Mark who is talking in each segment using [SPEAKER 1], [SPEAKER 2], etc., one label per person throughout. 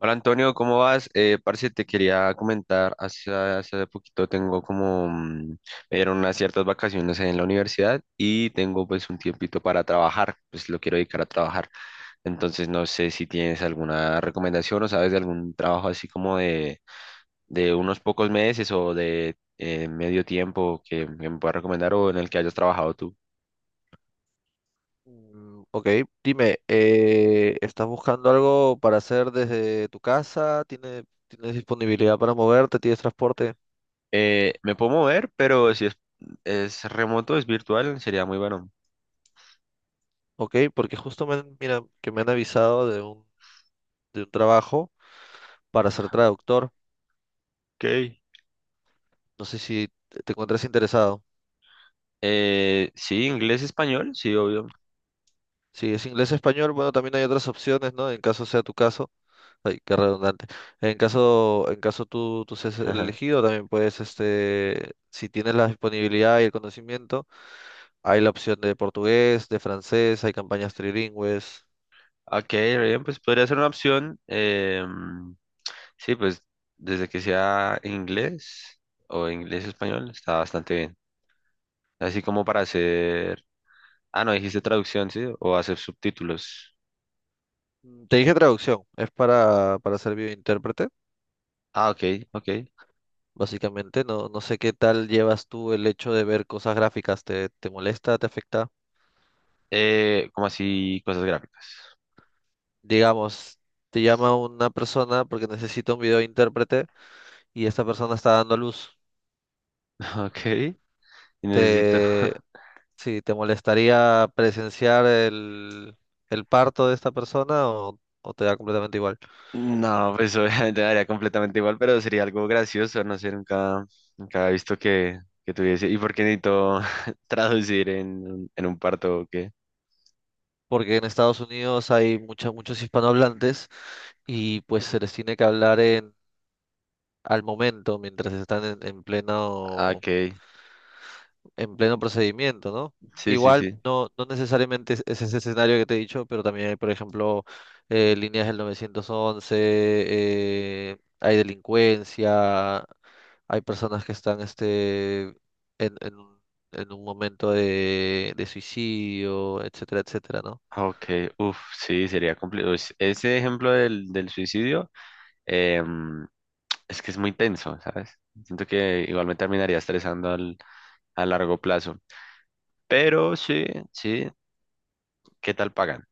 [SPEAKER 1] Hola Antonio, ¿cómo vas? Parce, te quería comentar, hace poquito tengo como, me dieron unas ciertas vacaciones en la universidad y tengo pues un tiempito para trabajar, pues lo quiero dedicar a trabajar. Entonces no sé si tienes alguna recomendación o sabes de algún trabajo así como de unos pocos meses o de medio tiempo que me puedas recomendar o en el que hayas trabajado tú.
[SPEAKER 2] Mm, Ok, dime, ¿estás buscando algo para hacer desde tu casa? ¿Tienes disponibilidad para moverte? ¿Tienes transporte?
[SPEAKER 1] Me puedo mover, pero si es, es remoto, es virtual, sería muy bueno.
[SPEAKER 2] Ok, porque justo mira, que me han avisado de un trabajo para ser traductor.
[SPEAKER 1] Ok.
[SPEAKER 2] No sé si te encuentras interesado.
[SPEAKER 1] Sí, inglés, español, sí, obvio.
[SPEAKER 2] Si es inglés-español, bueno, también hay otras opciones, ¿no? En caso sea tu caso. Ay, qué redundante. En caso tú seas
[SPEAKER 1] Ajá.
[SPEAKER 2] elegido, también puedes, si tienes la disponibilidad y el conocimiento. Hay la opción de portugués, de francés, hay campañas trilingües.
[SPEAKER 1] Ok, re bien, pues podría ser una opción. Sí, pues desde que sea inglés o inglés, español, está bastante bien. Así como para hacer... Ah, no, dijiste traducción, sí, o hacer subtítulos.
[SPEAKER 2] Te dije traducción, es para ser videointérprete,
[SPEAKER 1] Ah, ok, ok.
[SPEAKER 2] básicamente. No, no sé qué tal llevas tú el hecho de ver cosas gráficas. ¿Te molesta? ¿Te afecta?
[SPEAKER 1] Como así, cosas gráficas.
[SPEAKER 2] Digamos, te llama una persona porque necesita un videointérprete y esta persona está dando a luz.
[SPEAKER 1] Ok, y necesito.
[SPEAKER 2] ¿Te, sí, te molestaría presenciar el parto de esta persona o te da completamente igual?
[SPEAKER 1] No, pues obviamente me daría completamente igual, pero sería algo gracioso, no sé, nunca, nunca he visto que tuviese. ¿Y por qué necesito traducir en un parto o qué?
[SPEAKER 2] Porque en Estados Unidos hay muchos hispanohablantes y pues se les tiene que hablar al momento, mientras están en, en
[SPEAKER 1] Ah,
[SPEAKER 2] pleno,
[SPEAKER 1] ok,
[SPEAKER 2] en pleno procedimiento, ¿no?
[SPEAKER 1] sí, sí,
[SPEAKER 2] Igual
[SPEAKER 1] sí.
[SPEAKER 2] no necesariamente es ese escenario que te he dicho, pero también hay, por ejemplo, líneas del 911, hay delincuencia, hay personas que están en, en un en un momento de suicidio, etcétera, etcétera, ¿no?
[SPEAKER 1] Ok, uff, sí, sería complicado. Ese ejemplo del, del suicidio em, es que es muy tenso, ¿sabes? Siento que igual me terminaría estresando al, a largo plazo. Pero sí, sí, ¿qué tal pagan?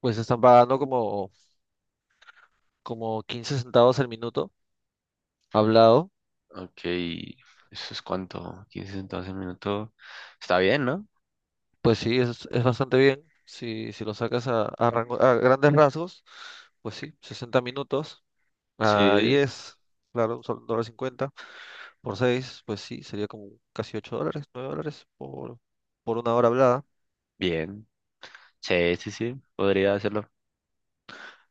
[SPEAKER 2] Pues están pagando como 15 centavos el minuto hablado.
[SPEAKER 1] Ok, eso es cuánto, 15, 12 minutos. Está bien, ¿no?
[SPEAKER 2] Pues sí, es bastante bien. Si lo sacas a grandes rasgos, pues sí, 60 minutos a
[SPEAKER 1] Sí,
[SPEAKER 2] diez, claro, un dólar 50 por seis, pues sí, sería como casi $8, $9 por una hora hablada.
[SPEAKER 1] bien. Sí, sí, sí, podría hacerlo.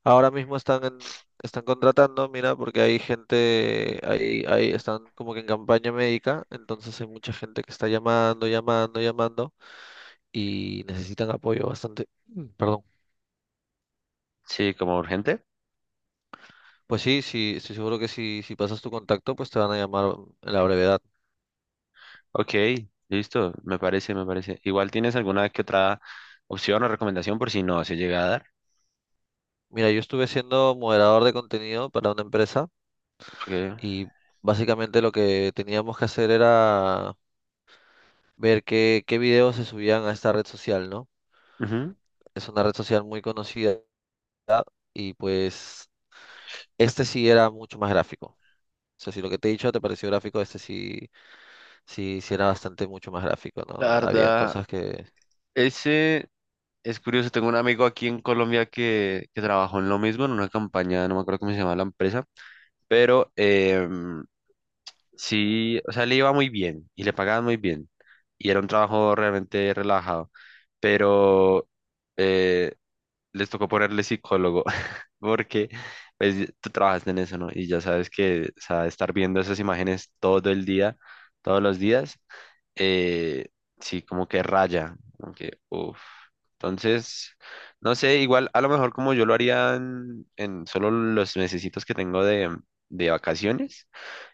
[SPEAKER 2] Ahora mismo están contratando, mira, porque hay gente, están como que en campaña médica, entonces hay mucha gente que está llamando, llamando, llamando y necesitan apoyo bastante. Perdón.
[SPEAKER 1] Sí, como urgente.
[SPEAKER 2] Pues sí, sí, estoy seguro que si pasas tu contacto, pues te van a llamar en la brevedad.
[SPEAKER 1] Ok, listo, me parece, me parece. Igual tienes alguna que otra opción o recomendación por si no se llega a dar.
[SPEAKER 2] Mira, yo estuve siendo moderador de contenido para una empresa
[SPEAKER 1] Porque,
[SPEAKER 2] y básicamente lo que teníamos que hacer era ver qué videos se subían a esta red social, ¿no?
[SPEAKER 1] ujú.
[SPEAKER 2] Es una red social muy conocida y pues este sí era mucho más gráfico. O sea, si lo que te he dicho te pareció gráfico, este sí, sí, sí era bastante mucho más gráfico, ¿no?
[SPEAKER 1] La
[SPEAKER 2] Habían
[SPEAKER 1] verdad,
[SPEAKER 2] cosas que...
[SPEAKER 1] ese es curioso. Tengo un amigo aquí en Colombia que trabajó en lo mismo, en una campaña, no me acuerdo cómo se llama la empresa, pero sí, o sea, le iba muy bien y le pagaban muy bien. Y era un trabajo realmente relajado. Pero... eh, les tocó ponerle psicólogo, porque pues, tú trabajaste en eso, ¿no? Y ya sabes que, o sea, estar viendo esas imágenes todo el día, todos los días, eh, sí, como que raya, como que, uff. Entonces, no sé, igual a lo mejor como yo lo haría en solo los mesecitos que tengo de vacaciones,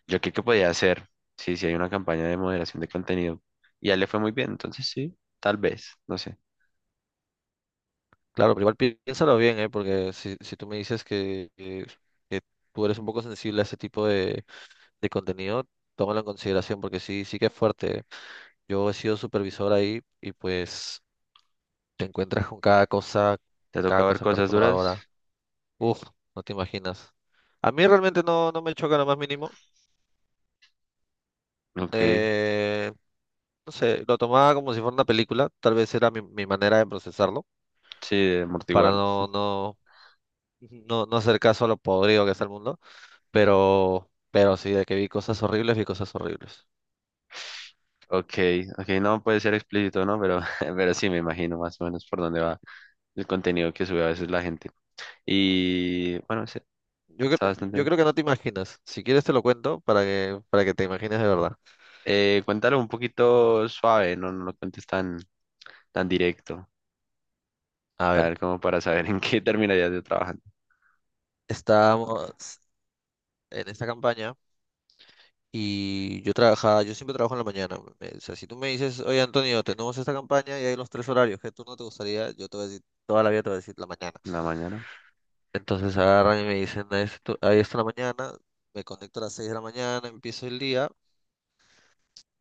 [SPEAKER 1] yo creo que podía hacer, sí, sí hay una campaña de moderación de contenido. Y a él le fue muy bien, entonces sí, tal vez, no sé.
[SPEAKER 2] Claro, pero igual piénsalo bien, ¿eh? Porque si tú me dices que tú eres un poco sensible a ese tipo de contenido, tómalo en consideración porque sí, sí que es fuerte. Yo he sido supervisor ahí y pues te encuentras con
[SPEAKER 1] Te
[SPEAKER 2] cada
[SPEAKER 1] toca ver
[SPEAKER 2] cosa
[SPEAKER 1] cosas duras.
[SPEAKER 2] perturbadora. Uf, no te imaginas. A mí realmente no, no me choca lo más mínimo.
[SPEAKER 1] Ok.
[SPEAKER 2] Eh, no sé, lo tomaba como si fuera una película. Tal vez era mi manera de procesarlo
[SPEAKER 1] Sí, de
[SPEAKER 2] para
[SPEAKER 1] amortiguarlo.
[SPEAKER 2] no, no, no, no hacer caso a lo podrido que está el mundo. Pero sí, de que vi cosas horribles, vi cosas horribles.
[SPEAKER 1] Ok, ok, no puede ser explícito, ¿no? Pero, pero sí, me imagino más o menos por dónde va el contenido que sube a veces la gente. Y bueno, sí,
[SPEAKER 2] Yo, cre-
[SPEAKER 1] está bastante
[SPEAKER 2] yo
[SPEAKER 1] bien.
[SPEAKER 2] creo que no te imaginas. Si quieres te lo cuento para que te imagines de verdad.
[SPEAKER 1] Cuéntalo un poquito suave, no, no lo cuentes tan, tan directo.
[SPEAKER 2] A
[SPEAKER 1] A
[SPEAKER 2] ver,
[SPEAKER 1] ver, como para saber en qué terminarías de trabajar
[SPEAKER 2] estábamos en esta campaña y yo trabajaba, yo siempre trabajo en la mañana. O sea, si tú me dices, oye Antonio, tenemos esta campaña y hay los tres horarios que tú no te gustaría, yo te voy a decir, toda la vida te voy a decir la mañana.
[SPEAKER 1] en la mañana.
[SPEAKER 2] Entonces agarran y me dicen, ahí está la mañana, me conecto a las 6 de la mañana, empiezo el día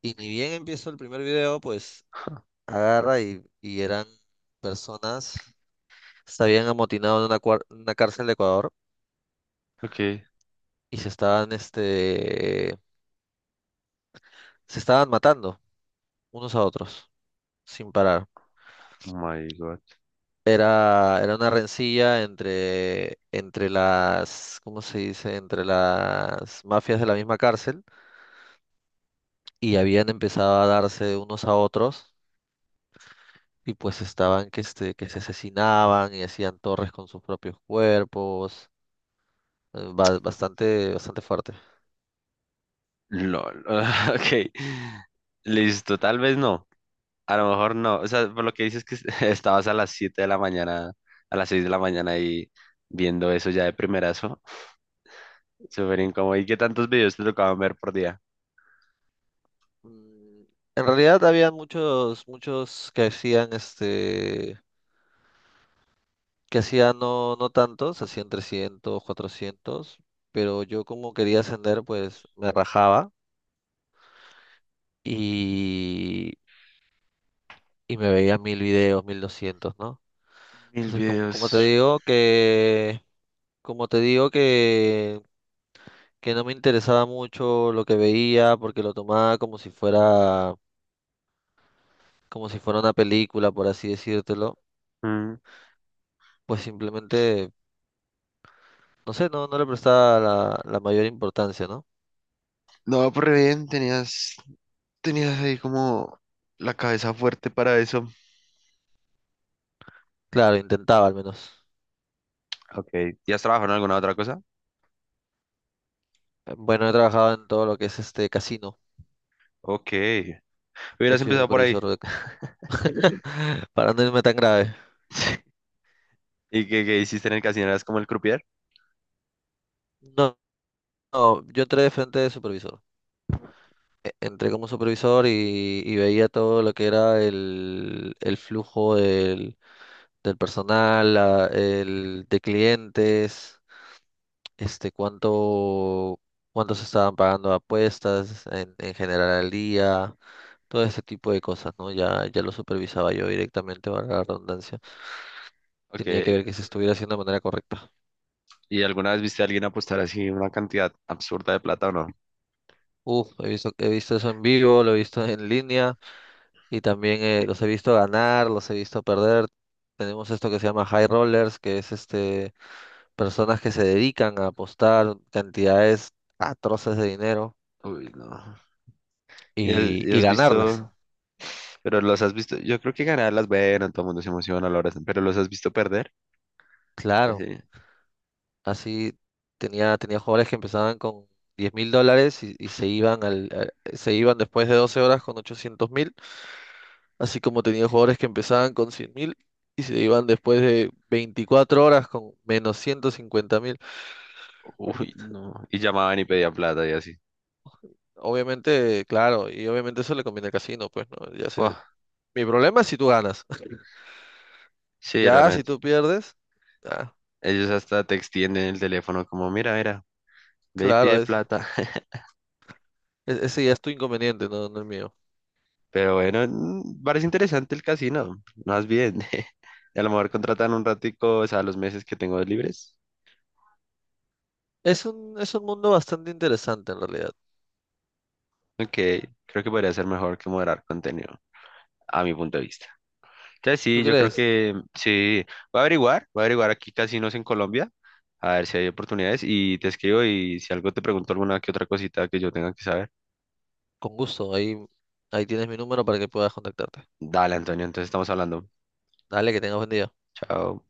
[SPEAKER 2] y ni bien empiezo el primer video, pues agarra y eran personas, se habían amotinado en una cárcel de Ecuador
[SPEAKER 1] Ok,
[SPEAKER 2] y este, se estaban matando unos a otros sin parar.
[SPEAKER 1] oh my God.
[SPEAKER 2] Era una rencilla entre las, ¿cómo se dice? Entre las mafias de la misma cárcel y habían empezado a darse unos a otros y pues estaban que se asesinaban y hacían torres con sus propios cuerpos. Bastante, bastante fuerte.
[SPEAKER 1] LOL. Ok, listo, tal vez no. A lo mejor no, o sea, por lo que dices que estabas a las 7 de la mañana, a las 6 de la mañana y viendo eso ya de primerazo, súper incómodo. ¿Y qué tantos videos te tocaban ver por día?
[SPEAKER 2] Mm, En realidad había muchos, muchos que hacían que hacían no, no tantos, hacían 300 400, pero yo como quería ascender, pues me rajaba y, y me veía 1.000 videos, 1.200, ¿no?
[SPEAKER 1] Mil
[SPEAKER 2] Entonces, como, como te
[SPEAKER 1] videos.
[SPEAKER 2] digo que, como te digo que no me interesaba mucho lo que veía porque lo tomaba como si fuera una película, por así decírtelo,
[SPEAKER 1] Mm.
[SPEAKER 2] pues simplemente no sé, no, no le prestaba la mayor importancia, ¿no?
[SPEAKER 1] No, por re bien, tenías, tenías ahí como la cabeza fuerte para eso.
[SPEAKER 2] Claro, intentaba al menos.
[SPEAKER 1] Ok, ¿ya has trabajado en alguna otra cosa?
[SPEAKER 2] Bueno, he trabajado en todo lo que es este casino.
[SPEAKER 1] Ok,
[SPEAKER 2] He
[SPEAKER 1] hubieras
[SPEAKER 2] sido
[SPEAKER 1] empezado por
[SPEAKER 2] supervisor
[SPEAKER 1] ahí.
[SPEAKER 2] de, para no irme tan grave.
[SPEAKER 1] ¿Y qué, qué hiciste en el casino? ¿Eras como el croupier?
[SPEAKER 2] No, no, yo entré de frente de supervisor. Entré como supervisor y veía todo lo que era el flujo del personal, el de clientes, este, cuánto, cuánto se estaban pagando apuestas en general al día, todo este tipo de cosas, ¿no? Ya, ya lo supervisaba yo directamente, para la redundancia.
[SPEAKER 1] Ok,
[SPEAKER 2] Tenía que ver que se estuviera haciendo de manera correcta.
[SPEAKER 1] ¿y alguna vez viste a alguien apostar así una cantidad absurda de plata o no?
[SPEAKER 2] Uf, he visto eso en vivo, lo he visto en línea y también los he visto ganar, los he visto perder. Tenemos esto que se llama high rollers, que es personas que se dedican a apostar cantidades atroces de dinero
[SPEAKER 1] Uy, no.
[SPEAKER 2] y,
[SPEAKER 1] Y
[SPEAKER 2] y
[SPEAKER 1] has
[SPEAKER 2] ganarlas.
[SPEAKER 1] visto, pero los has visto, yo creo que ganar las bueno, todo el mundo se emociona, lo abrazan, pero los has visto perder,
[SPEAKER 2] Claro.
[SPEAKER 1] así,
[SPEAKER 2] Así tenía jugadores que empezaban con $10.000 y, y se iban después de 12 horas con 800.000, así como tenía jugadores que empezaban con 100.000 y se iban después de 24 horas con menos 150.000.
[SPEAKER 1] uy, no, y llamaban y pedían plata y así,
[SPEAKER 2] Obviamente, claro, y obviamente eso le conviene al casino, pues no, ya sé.
[SPEAKER 1] buah,
[SPEAKER 2] Mi problema es si tú ganas,
[SPEAKER 1] sí,
[SPEAKER 2] ya si
[SPEAKER 1] realmente,
[SPEAKER 2] tú pierdes, ah,
[SPEAKER 1] ellos hasta te extienden el teléfono como, mira, mira, ve y
[SPEAKER 2] claro,
[SPEAKER 1] pide plata,
[SPEAKER 2] ese ya es tu inconveniente, no, no el mío.
[SPEAKER 1] pero bueno, mm, parece interesante el casino, más bien, a lo mejor contratan un ratico, o sea, los meses que tengo libres,
[SPEAKER 2] Es un mundo bastante interesante en realidad.
[SPEAKER 1] ok, creo que podría ser mejor que moderar contenido, a mi punto de vista. Entonces
[SPEAKER 2] ¿Tú
[SPEAKER 1] sí, yo creo
[SPEAKER 2] crees?
[SPEAKER 1] que mm, sí. Voy a averiguar aquí casinos en Colombia, a ver si hay oportunidades y te escribo y si algo te pregunto alguna que otra cosita que yo tenga que saber.
[SPEAKER 2] Con gusto, ahí tienes mi número para que puedas contactarte.
[SPEAKER 1] Dale, Antonio, entonces estamos hablando.
[SPEAKER 2] Dale, que tengas buen día.
[SPEAKER 1] Chao.